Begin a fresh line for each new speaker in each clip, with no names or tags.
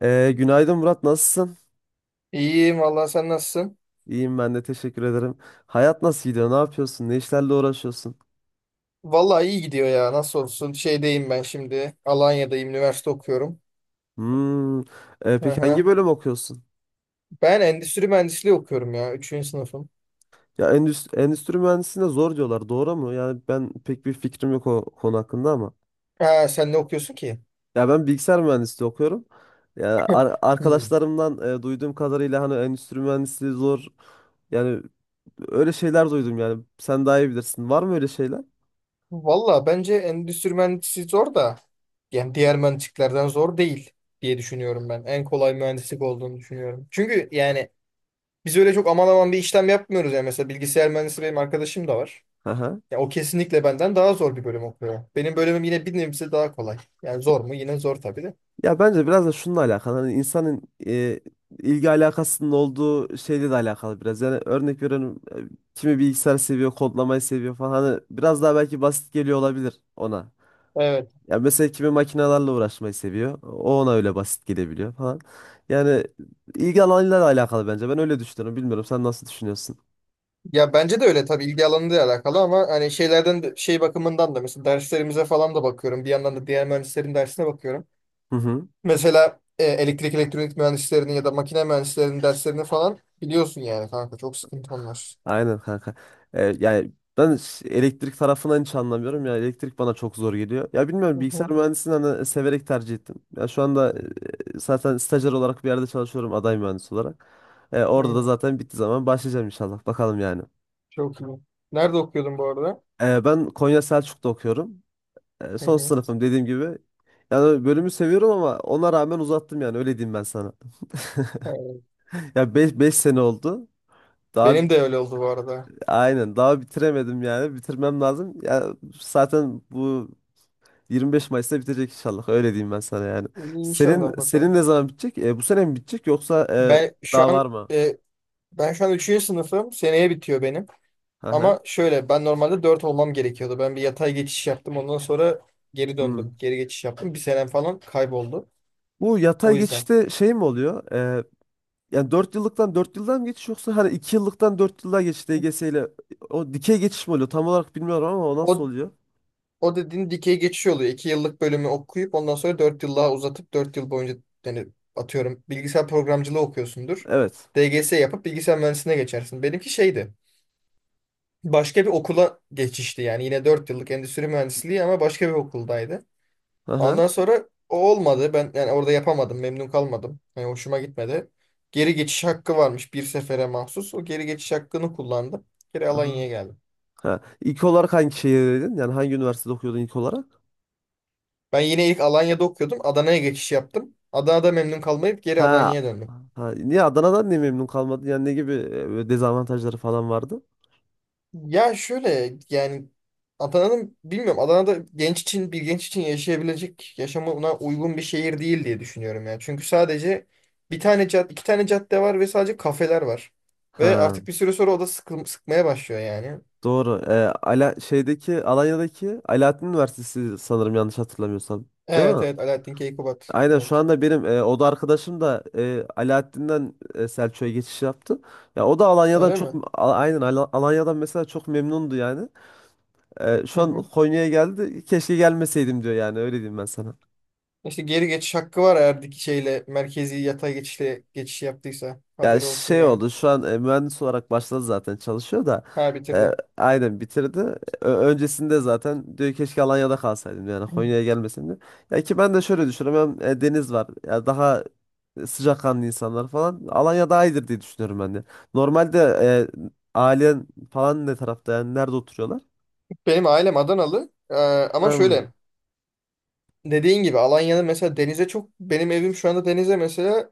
Günaydın Murat, nasılsın?
İyiyim valla, sen nasılsın?
İyiyim ben de teşekkür ederim. Hayat nasıl gidiyor? Ne yapıyorsun? Ne işlerle uğraşıyorsun?
Valla iyi gidiyor ya, nasıl olsun. Şeydeyim ben şimdi, Alanya'dayım, üniversite okuyorum.
Hmm.
Hı
Peki
hı.
hangi bölüm okuyorsun?
Ben endüstri mühendisliği okuyorum ya, üçüncü sınıfım.
Ya endüstri mühendisliğine zor diyorlar. Doğru mu? Yani ben pek bir fikrim yok o konu hakkında ama.
Ha, sen ne okuyorsun ki?
Ya ben bilgisayar mühendisliği okuyorum. Ya
Hmm.
arkadaşlarımdan duyduğum kadarıyla hani endüstri mühendisliği zor. Yani öyle şeyler duydum yani. Sen daha iyi bilirsin. Var mı öyle şeyler?
Valla bence endüstri mühendisliği zor da yani diğer mühendisliklerden zor değil diye düşünüyorum ben. En kolay mühendislik olduğunu düşünüyorum. Çünkü yani biz öyle çok aman aman bir işlem yapmıyoruz ya. Mesela bilgisayar mühendisi benim arkadaşım da var.
Aha.
Ya o kesinlikle benden daha zor bir bölüm okuyor. Benim bölümüm yine bir nebze daha kolay. Yani zor mu? Yine zor tabii de.
Ya bence biraz da şununla alakalı. Hani insanın e, ilgi alakasının olduğu şeyle de alakalı biraz. Yani örnek veriyorum kimi bilgisayar seviyor, kodlamayı seviyor falan. Hani biraz daha belki basit geliyor olabilir ona.
Evet.
Ya mesela kimi makinelerle uğraşmayı seviyor. O ona öyle basit gelebiliyor falan. Yani ilgi alanıyla da alakalı bence. Ben öyle düşünüyorum. Bilmiyorum sen nasıl düşünüyorsun?
Ya bence de öyle, tabii ilgi alanıyla alakalı ama hani şey bakımından da mesela derslerimize falan da bakıyorum. Bir yandan da diğer mühendislerin dersine bakıyorum.
Hı hı.
Mesela elektrik elektronik mühendislerinin ya da makine mühendislerinin derslerini falan biliyorsun yani kanka, çok sıkıntı onlar.
Aynen kanka. Yani ben elektrik tarafından hiç anlamıyorum. Ya elektrik bana çok zor geliyor. Ya
Hı
bilmiyorum bilgisayar
hı.
mühendisliğini hani severek tercih ettim. Ya şu anda zaten stajyer olarak bir yerde çalışıyorum aday mühendis olarak. Orada da
Hı.
zaten bittiği zaman başlayacağım inşallah. Bakalım yani.
Çok iyi. Nerede okuyordun bu arada?
Ben Konya Selçuk'ta okuyorum.
Hı
Son
hı.
sınıfım dediğim gibi. Yani bölümü seviyorum ama ona rağmen uzattım yani öyle diyeyim ben sana.
Evet.
Ya 5 sene oldu. Daha
Benim de öyle oldu bu arada.
aynen daha bitiremedim yani bitirmem lazım. Ya zaten bu 25 Mayıs'ta bitecek inşallah. Öyle diyeyim ben sana yani. Senin
İnşallah,
senin
bakalım.
ne zaman bitecek? Bu sene mi bitecek yoksa
Ben
daha
şu
var
an
mı?
e, Ben şu an üçüncü sınıfım. Seneye bitiyor benim.
Hı hı.
Ama şöyle, ben normalde 4 olmam gerekiyordu. Ben bir yatay geçiş yaptım. Ondan sonra geri
Hmm.
döndüm. Geri geçiş yaptım. Bir senem falan kayboldu.
Bu yatay
O yüzden.
geçişte şey mi oluyor? Yani 4 yıllıktan 4 yıldan mı geçiş yoksa hani 2 yıllıktan 4 yıllığa geçiş DGS ile o dikey geçiş mi oluyor? Tam olarak bilmiyorum ama o nasıl
O,
oluyor?
o dediğin dikey geçiş oluyor. 2 yıllık bölümü okuyup ondan sonra 4 yıl daha uzatıp 4 yıl boyunca yani atıyorum bilgisayar programcılığı okuyorsundur.
Evet.
DGS yapıp bilgisayar mühendisliğine geçersin. Benimki şeydi. Başka bir okula geçişti yani. Yine 4 yıllık endüstri mühendisliği ama başka bir okuldaydı.
Hı hı.
Ondan sonra o olmadı. Ben yani orada yapamadım. Memnun kalmadım. Yani hoşuma gitmedi. Geri geçiş hakkı varmış bir sefere mahsus. O geri geçiş hakkını kullandım. Geri
Hı hı.
Alanya'ya geldim.
Ha. İlk olarak hangi şehirdeydin? Yani hangi üniversitede okuyordun ilk olarak?
Ben yine ilk Alanya'da okuyordum. Adana'ya geçiş yaptım. Adana'da memnun kalmayıp geri
Ha.
Alanya'ya döndüm.
Ha. Niye Adana'dan niye memnun kalmadın? Yani ne gibi böyle dezavantajları falan vardı?
Ya şöyle yani, Adana'nın bilmiyorum, Adana'da genç için, yaşayabilecek, yaşamına uygun bir şehir değil diye düşünüyorum yani. Çünkü sadece bir tane cad iki tane cadde var ve sadece kafeler var. Ve
Ha.
artık bir süre sonra o da sıkmaya başlıyor yani.
Doğru. Alanya'daki Alaaddin Üniversitesi sanırım yanlış hatırlamıyorsam. Değil
Evet
mi?
evet, Alaaddin Keykubat.
Aynen şu
Evet.
anda benim oda arkadaşım da Alaaddin'den Selçuk'a geçiş yaptı. Ya o da
Öyle mi?
Aynen Alanya'dan mesela çok memnundu yani.
Hı
Şu an
hı.
Konya'ya geldi. Keşke gelmeseydim diyor yani öyle diyeyim ben sana.
İşte geri geçiş hakkı var eğer şeyle merkezi yatay geçişle geçiş yaptıysa.
Ya
Haberi olsun
şey
yani.
oldu şu an mühendis olarak başladı zaten çalışıyor da
Ha,
e,
bitirdi.
aynen bitirdi. Öncesinde zaten diyor keşke Alanya'da kalsaydım yani Konya'ya gelmesin diyor. Ya ki ben de şöyle düşünüyorum hem deniz var ya daha sıcakkanlı insanlar falan Alanya daha iyidir diye düşünüyorum ben de. Normalde ailen falan ne tarafta yani nerede oturuyorlar?
Benim ailem Adanalı. Ama şöyle,
Hmm.
dediğin gibi Alanya'da mesela denize çok, benim evim şu anda denize mesela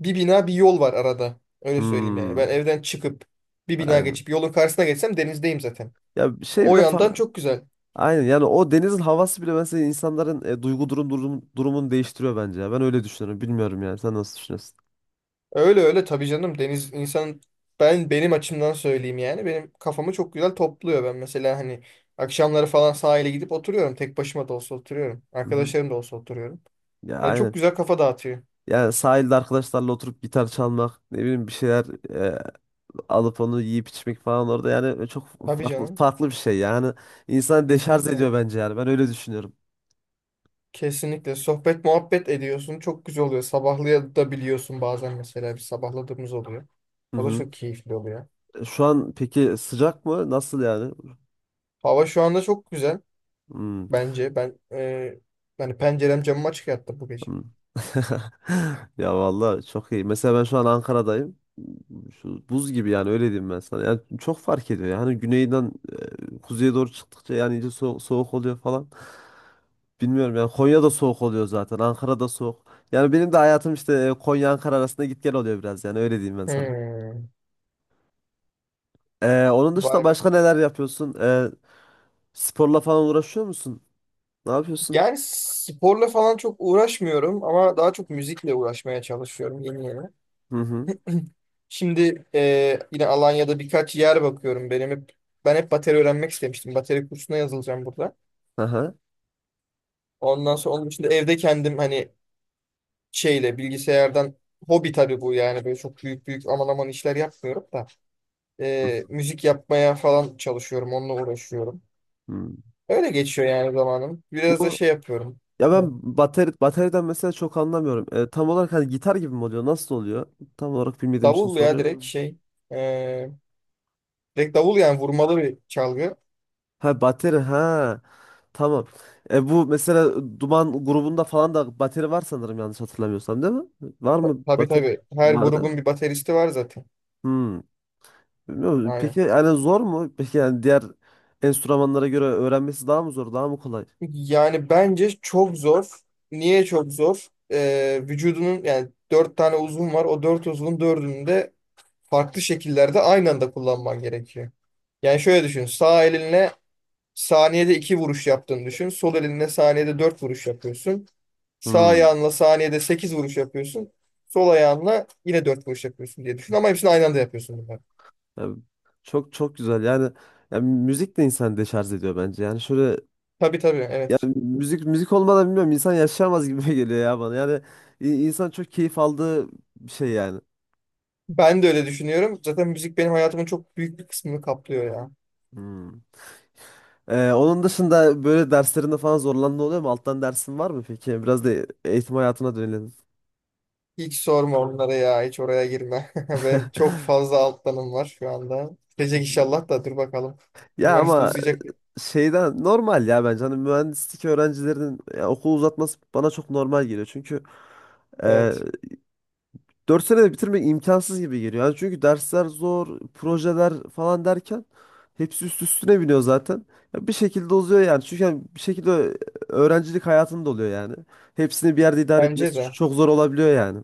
bir bina, bir yol var arada. Öyle söyleyeyim yani.
Hmm.
Ben evden çıkıp bir bina
Aynen.
geçip yolun karşısına geçsem denizdeyim zaten.
Ya bir şey
O
bile
yandan
fa-
çok güzel.
Aynen yani o denizin havası bile mesela insanların duygu durumunu değiştiriyor bence ya. Ben öyle düşünüyorum. Bilmiyorum yani. Sen nasıl düşünüyorsun?
Öyle öyle, tabii canım, deniz insan, ben benim açımdan söyleyeyim yani, benim kafamı çok güzel topluyor. Ben mesela hani akşamları falan sahile gidip oturuyorum, tek başıma da olsa oturuyorum,
Hı hı.
arkadaşlarım da olsa oturuyorum.
Ya
Yani çok
aynen.
güzel kafa dağıtıyor.
Yani sahilde arkadaşlarla oturup gitar çalmak, ne bileyim bir şeyler alıp onu yiyip içmek falan orada yani çok
Tabii
farklı
canım,
farklı bir şey yani. İnsanı deşarj
kesinlikle.
ediyor bence yani. Ben öyle düşünüyorum.
Kesinlikle sohbet muhabbet ediyorsun. Çok güzel oluyor. Sabahlayabiliyorsun bazen, mesela bir sabahladığımız oluyor.
Hı
O da
hı.
çok keyifli oluyor.
Şu an peki sıcak mı? Nasıl yani?
Hava şu anda çok güzel
Hı.
bence. Yani pencerem, camım açık yattı bu gece.
Ya vallahi çok iyi. Mesela ben şu an Ankara'dayım. Şu buz gibi yani öyle diyeyim ben sana. Yani çok fark ediyor. Yani güneyden kuzeye doğru çıktıkça yani iyice soğuk oluyor falan. Bilmiyorum yani Konya'da soğuk oluyor zaten. Ankara'da soğuk. Yani benim de hayatım işte Konya Ankara arasında git gel oluyor biraz yani öyle diyeyim ben sana.
Hmm.
Onun dışında
Vay be.
başka neler yapıyorsun? Sporla falan uğraşıyor musun? Ne yapıyorsun?
Yani sporla falan çok uğraşmıyorum ama daha çok müzikle uğraşmaya çalışıyorum yeni yeni.
Hı hı.
Şimdi yine Alanya'da birkaç yer bakıyorum. Ben hep bateri öğrenmek istemiştim. Bateri kursuna yazılacağım burada.
Aha.
Ondan sonra onun için de evde kendim, hani şeyle, bilgisayardan, hobi tabii bu yani, böyle çok büyük büyük aman aman işler yapmıyorum da
Hı hı.
Müzik yapmaya falan çalışıyorum, onunla uğraşıyorum.
Hı.
Öyle geçiyor yani zamanım. Biraz da
Bu
şey yapıyorum.
ya
Evet.
ben bateriden mesela çok anlamıyorum. Tam olarak hani gitar gibi mi oluyor? Nasıl oluyor? Tam olarak bilmediğim için
Davul ya, direkt
soruyorum.
ee, direkt davul, yani vurmalı bir çalgı.
Ha bateri ha tamam. Bu mesela Duman grubunda falan da bateri var sanırım yanlış hatırlamıyorsam değil mi? Var
Ta-
mı
Tabii
bateri?
tabii, her
Var değil
grubun
mi?
bir bateristi var zaten.
Hmm. Bilmiyorum.
Aynen.
Peki yani zor mu? Peki yani diğer enstrümanlara göre öğrenmesi daha mı zor, daha mı kolay?
Yani bence çok zor. Niye çok zor? Vücudunun yani dört tane uzvun var. O dört uzvun dördünü de farklı şekillerde aynı anda kullanman gerekiyor. Yani şöyle düşün. Sağ elinle saniyede iki vuruş yaptığını düşün. Sol elinle saniyede dört vuruş yapıyorsun. Sağ
Hmm.
ayağınla saniyede 8 vuruş yapıyorsun. Sol ayağınla yine 4 vuruş yapıyorsun diye düşün. Ama hepsini aynı anda yapıyorsun bunlar.
Yani çok çok güzel. Yani, yani müzik de insanı deşarj ediyor bence. Yani şöyle
Tabii tabii,
ya
evet.
müzik olmadan bilmiyorum insan yaşayamaz gibi geliyor ya bana. Yani insan çok keyif aldığı bir şey yani.
Ben de öyle düşünüyorum. Zaten müzik benim hayatımın çok büyük bir kısmını kaplıyor ya.
Hmm. Onun dışında böyle derslerinde falan zorlandığın oluyor mu? Alttan dersin var mı peki? Biraz da eğitim hayatına dönelim.
Hiç sorma onlara ya. Hiç oraya girme. Benim çok fazla alt dalım var şu anda. Bitecek inşallah, da dur bakalım.
Ya
Üniversite
ama
uzayacak.
şeyden normal ya bence. Hani mühendislik öğrencilerinin ya, okul uzatması bana çok normal geliyor. Çünkü e,
Evet.
4 senede bitirmek imkansız gibi geliyor. Yani çünkü dersler zor, projeler falan derken hepsi üst üstüne biniyor zaten. Ya bir şekilde uzuyor yani. Çünkü yani bir şekilde öğrencilik hayatında oluyor yani. Hepsini bir yerde idare etmesi
Bence de.
çok zor olabiliyor yani.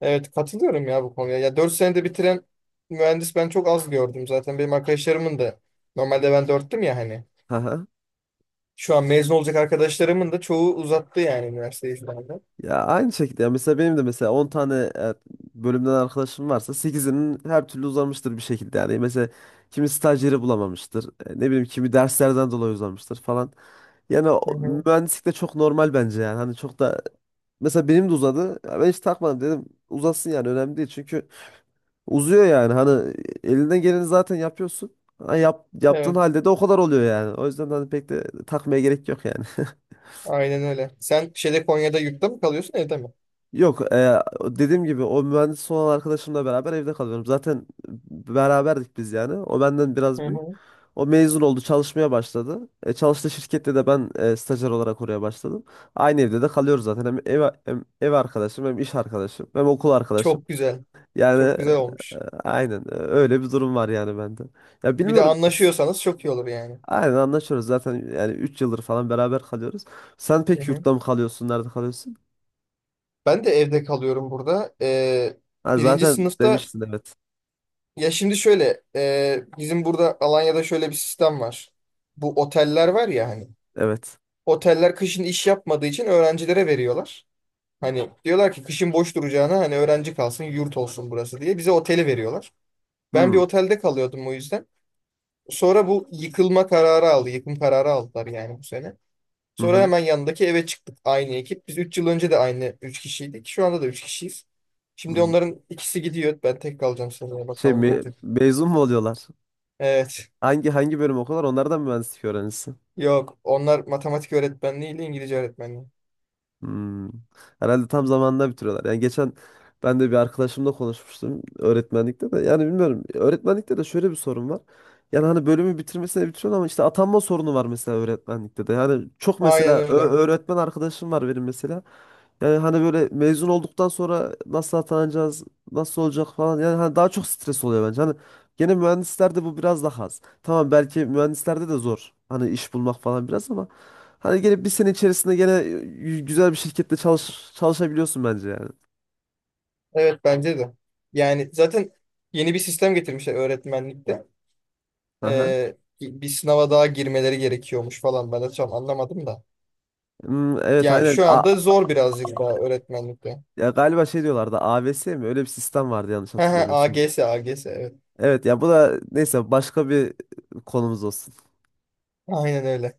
Evet, katılıyorum ya bu konuya. Ya 4 senede bitiren mühendis ben çok az gördüm zaten. Benim arkadaşlarımın da, normalde ben 4'tüm ya hani.
Haha.
Şu an mezun olacak arkadaşlarımın da çoğu uzattı yani üniversiteyi şu anda.
Ya aynı şekilde ya mesela benim de mesela 10 tane bölümden arkadaşım varsa sekizinin her türlü uzamıştır bir şekilde yani. Mesela kimi staj yeri bulamamıştır. Ne bileyim kimi derslerden dolayı uzamıştır falan. Yani
Hı hı.
mühendislik de çok normal bence yani. Hani çok da mesela benim de uzadı. Ya ben hiç takmadım dedim. Uzasın yani önemli değil. Çünkü uzuyor yani. Hani elinden geleni zaten yapıyorsun. Ha, yaptığın
Evet,
halde de o kadar oluyor yani. O yüzden hani pek de takmaya gerek yok yani.
aynen öyle. Sen şeyde, Konya'da yurtta mı kalıyorsun, evde mi?
Yok dediğim gibi o mühendis olan arkadaşımla beraber evde kalıyorum. Zaten beraberdik biz yani. O benden
Hı
biraz büyük.
hı.
O mezun oldu, çalışmaya başladı. Çalıştığı şirkette de ben stajyer olarak oraya başladım. Aynı evde de kalıyoruz zaten. Hem ev, hem ev arkadaşım, hem iş arkadaşım, hem okul arkadaşım.
Çok güzel.
Yani
Çok güzel
e,
olmuş.
aynen öyle bir durum var yani bende. Ya
Bir de
bilmiyorum.
anlaşıyorsanız çok iyi olur yani.
Aynen anlaşıyoruz zaten yani 3 yıldır falan beraber kalıyoruz. Sen
Hı
pek
hı.
yurtta mı kalıyorsun, nerede kalıyorsun?
Ben de evde kalıyorum burada.
Ha,
Birinci
zaten
sınıfta
demiştin evet.
ya, şimdi şöyle, bizim burada Alanya'da şöyle bir sistem var. Bu oteller var ya hani.
Evet.
Oteller kışın iş yapmadığı için öğrencilere veriyorlar. Hani diyorlar ki kışın boş duracağına, hani öğrenci kalsın, yurt olsun burası diye, bize oteli veriyorlar. Ben bir
Hmm.
otelde kalıyordum o yüzden. Sonra bu yıkılma kararı aldı, yıkım kararı aldılar yani bu sene.
Hı
Sonra
hı.
hemen yanındaki eve çıktık aynı ekip. Biz 3 yıl önce de aynı 3 kişiydik. Şu anda da 3 kişiyiz. Şimdi
Hı.
onların ikisi gidiyor. Ben tek kalacağım, seneye
Şey
bakalım ne olacak.
mezun mu oluyorlar?
Evet.
Hangi bölüm okuyorlar? Onlardan mı mühendislik öğrencisi.
Yok, onlar matematik öğretmenliği ile İngilizce öğretmenliği.
Hmm. Herhalde tam zamanında bitiriyorlar. Yani geçen ben de bir arkadaşımla konuşmuştum öğretmenlikte de. Yani bilmiyorum. Öğretmenlikte de şöyle bir sorun var. Yani hani bölümü bitirmesine bitiriyorsun ama işte atanma sorunu var mesela öğretmenlikte de. Yani çok
Aynen
mesela
öyle.
öğretmen arkadaşım var benim mesela. Yani hani böyle mezun olduktan sonra nasıl atanacağız, nasıl olacak falan. Yani hani daha çok stres oluyor bence. Hani gene mühendislerde bu biraz daha az. Tamam belki mühendislerde de zor. Hani iş bulmak falan biraz ama hani gene bir sene içerisinde gene güzel bir şirkette çalışabiliyorsun bence yani.
Evet, bence de. Yani zaten yeni bir sistem getirmişler öğretmenlikte.
Aha.
Bir sınava daha girmeleri gerekiyormuş falan. Ben de tam anlamadım da.
Hmm, evet
Yani
aynen.
şu anda zor birazcık daha öğretmenlikte.
Ya galiba şey diyorlardı AVS mi? Öyle bir sistem vardı yanlış hatırlamıyorsun.
AGS, AGS evet.
Evet ya bu da neyse başka bir konumuz olsun.
Aynen öyle.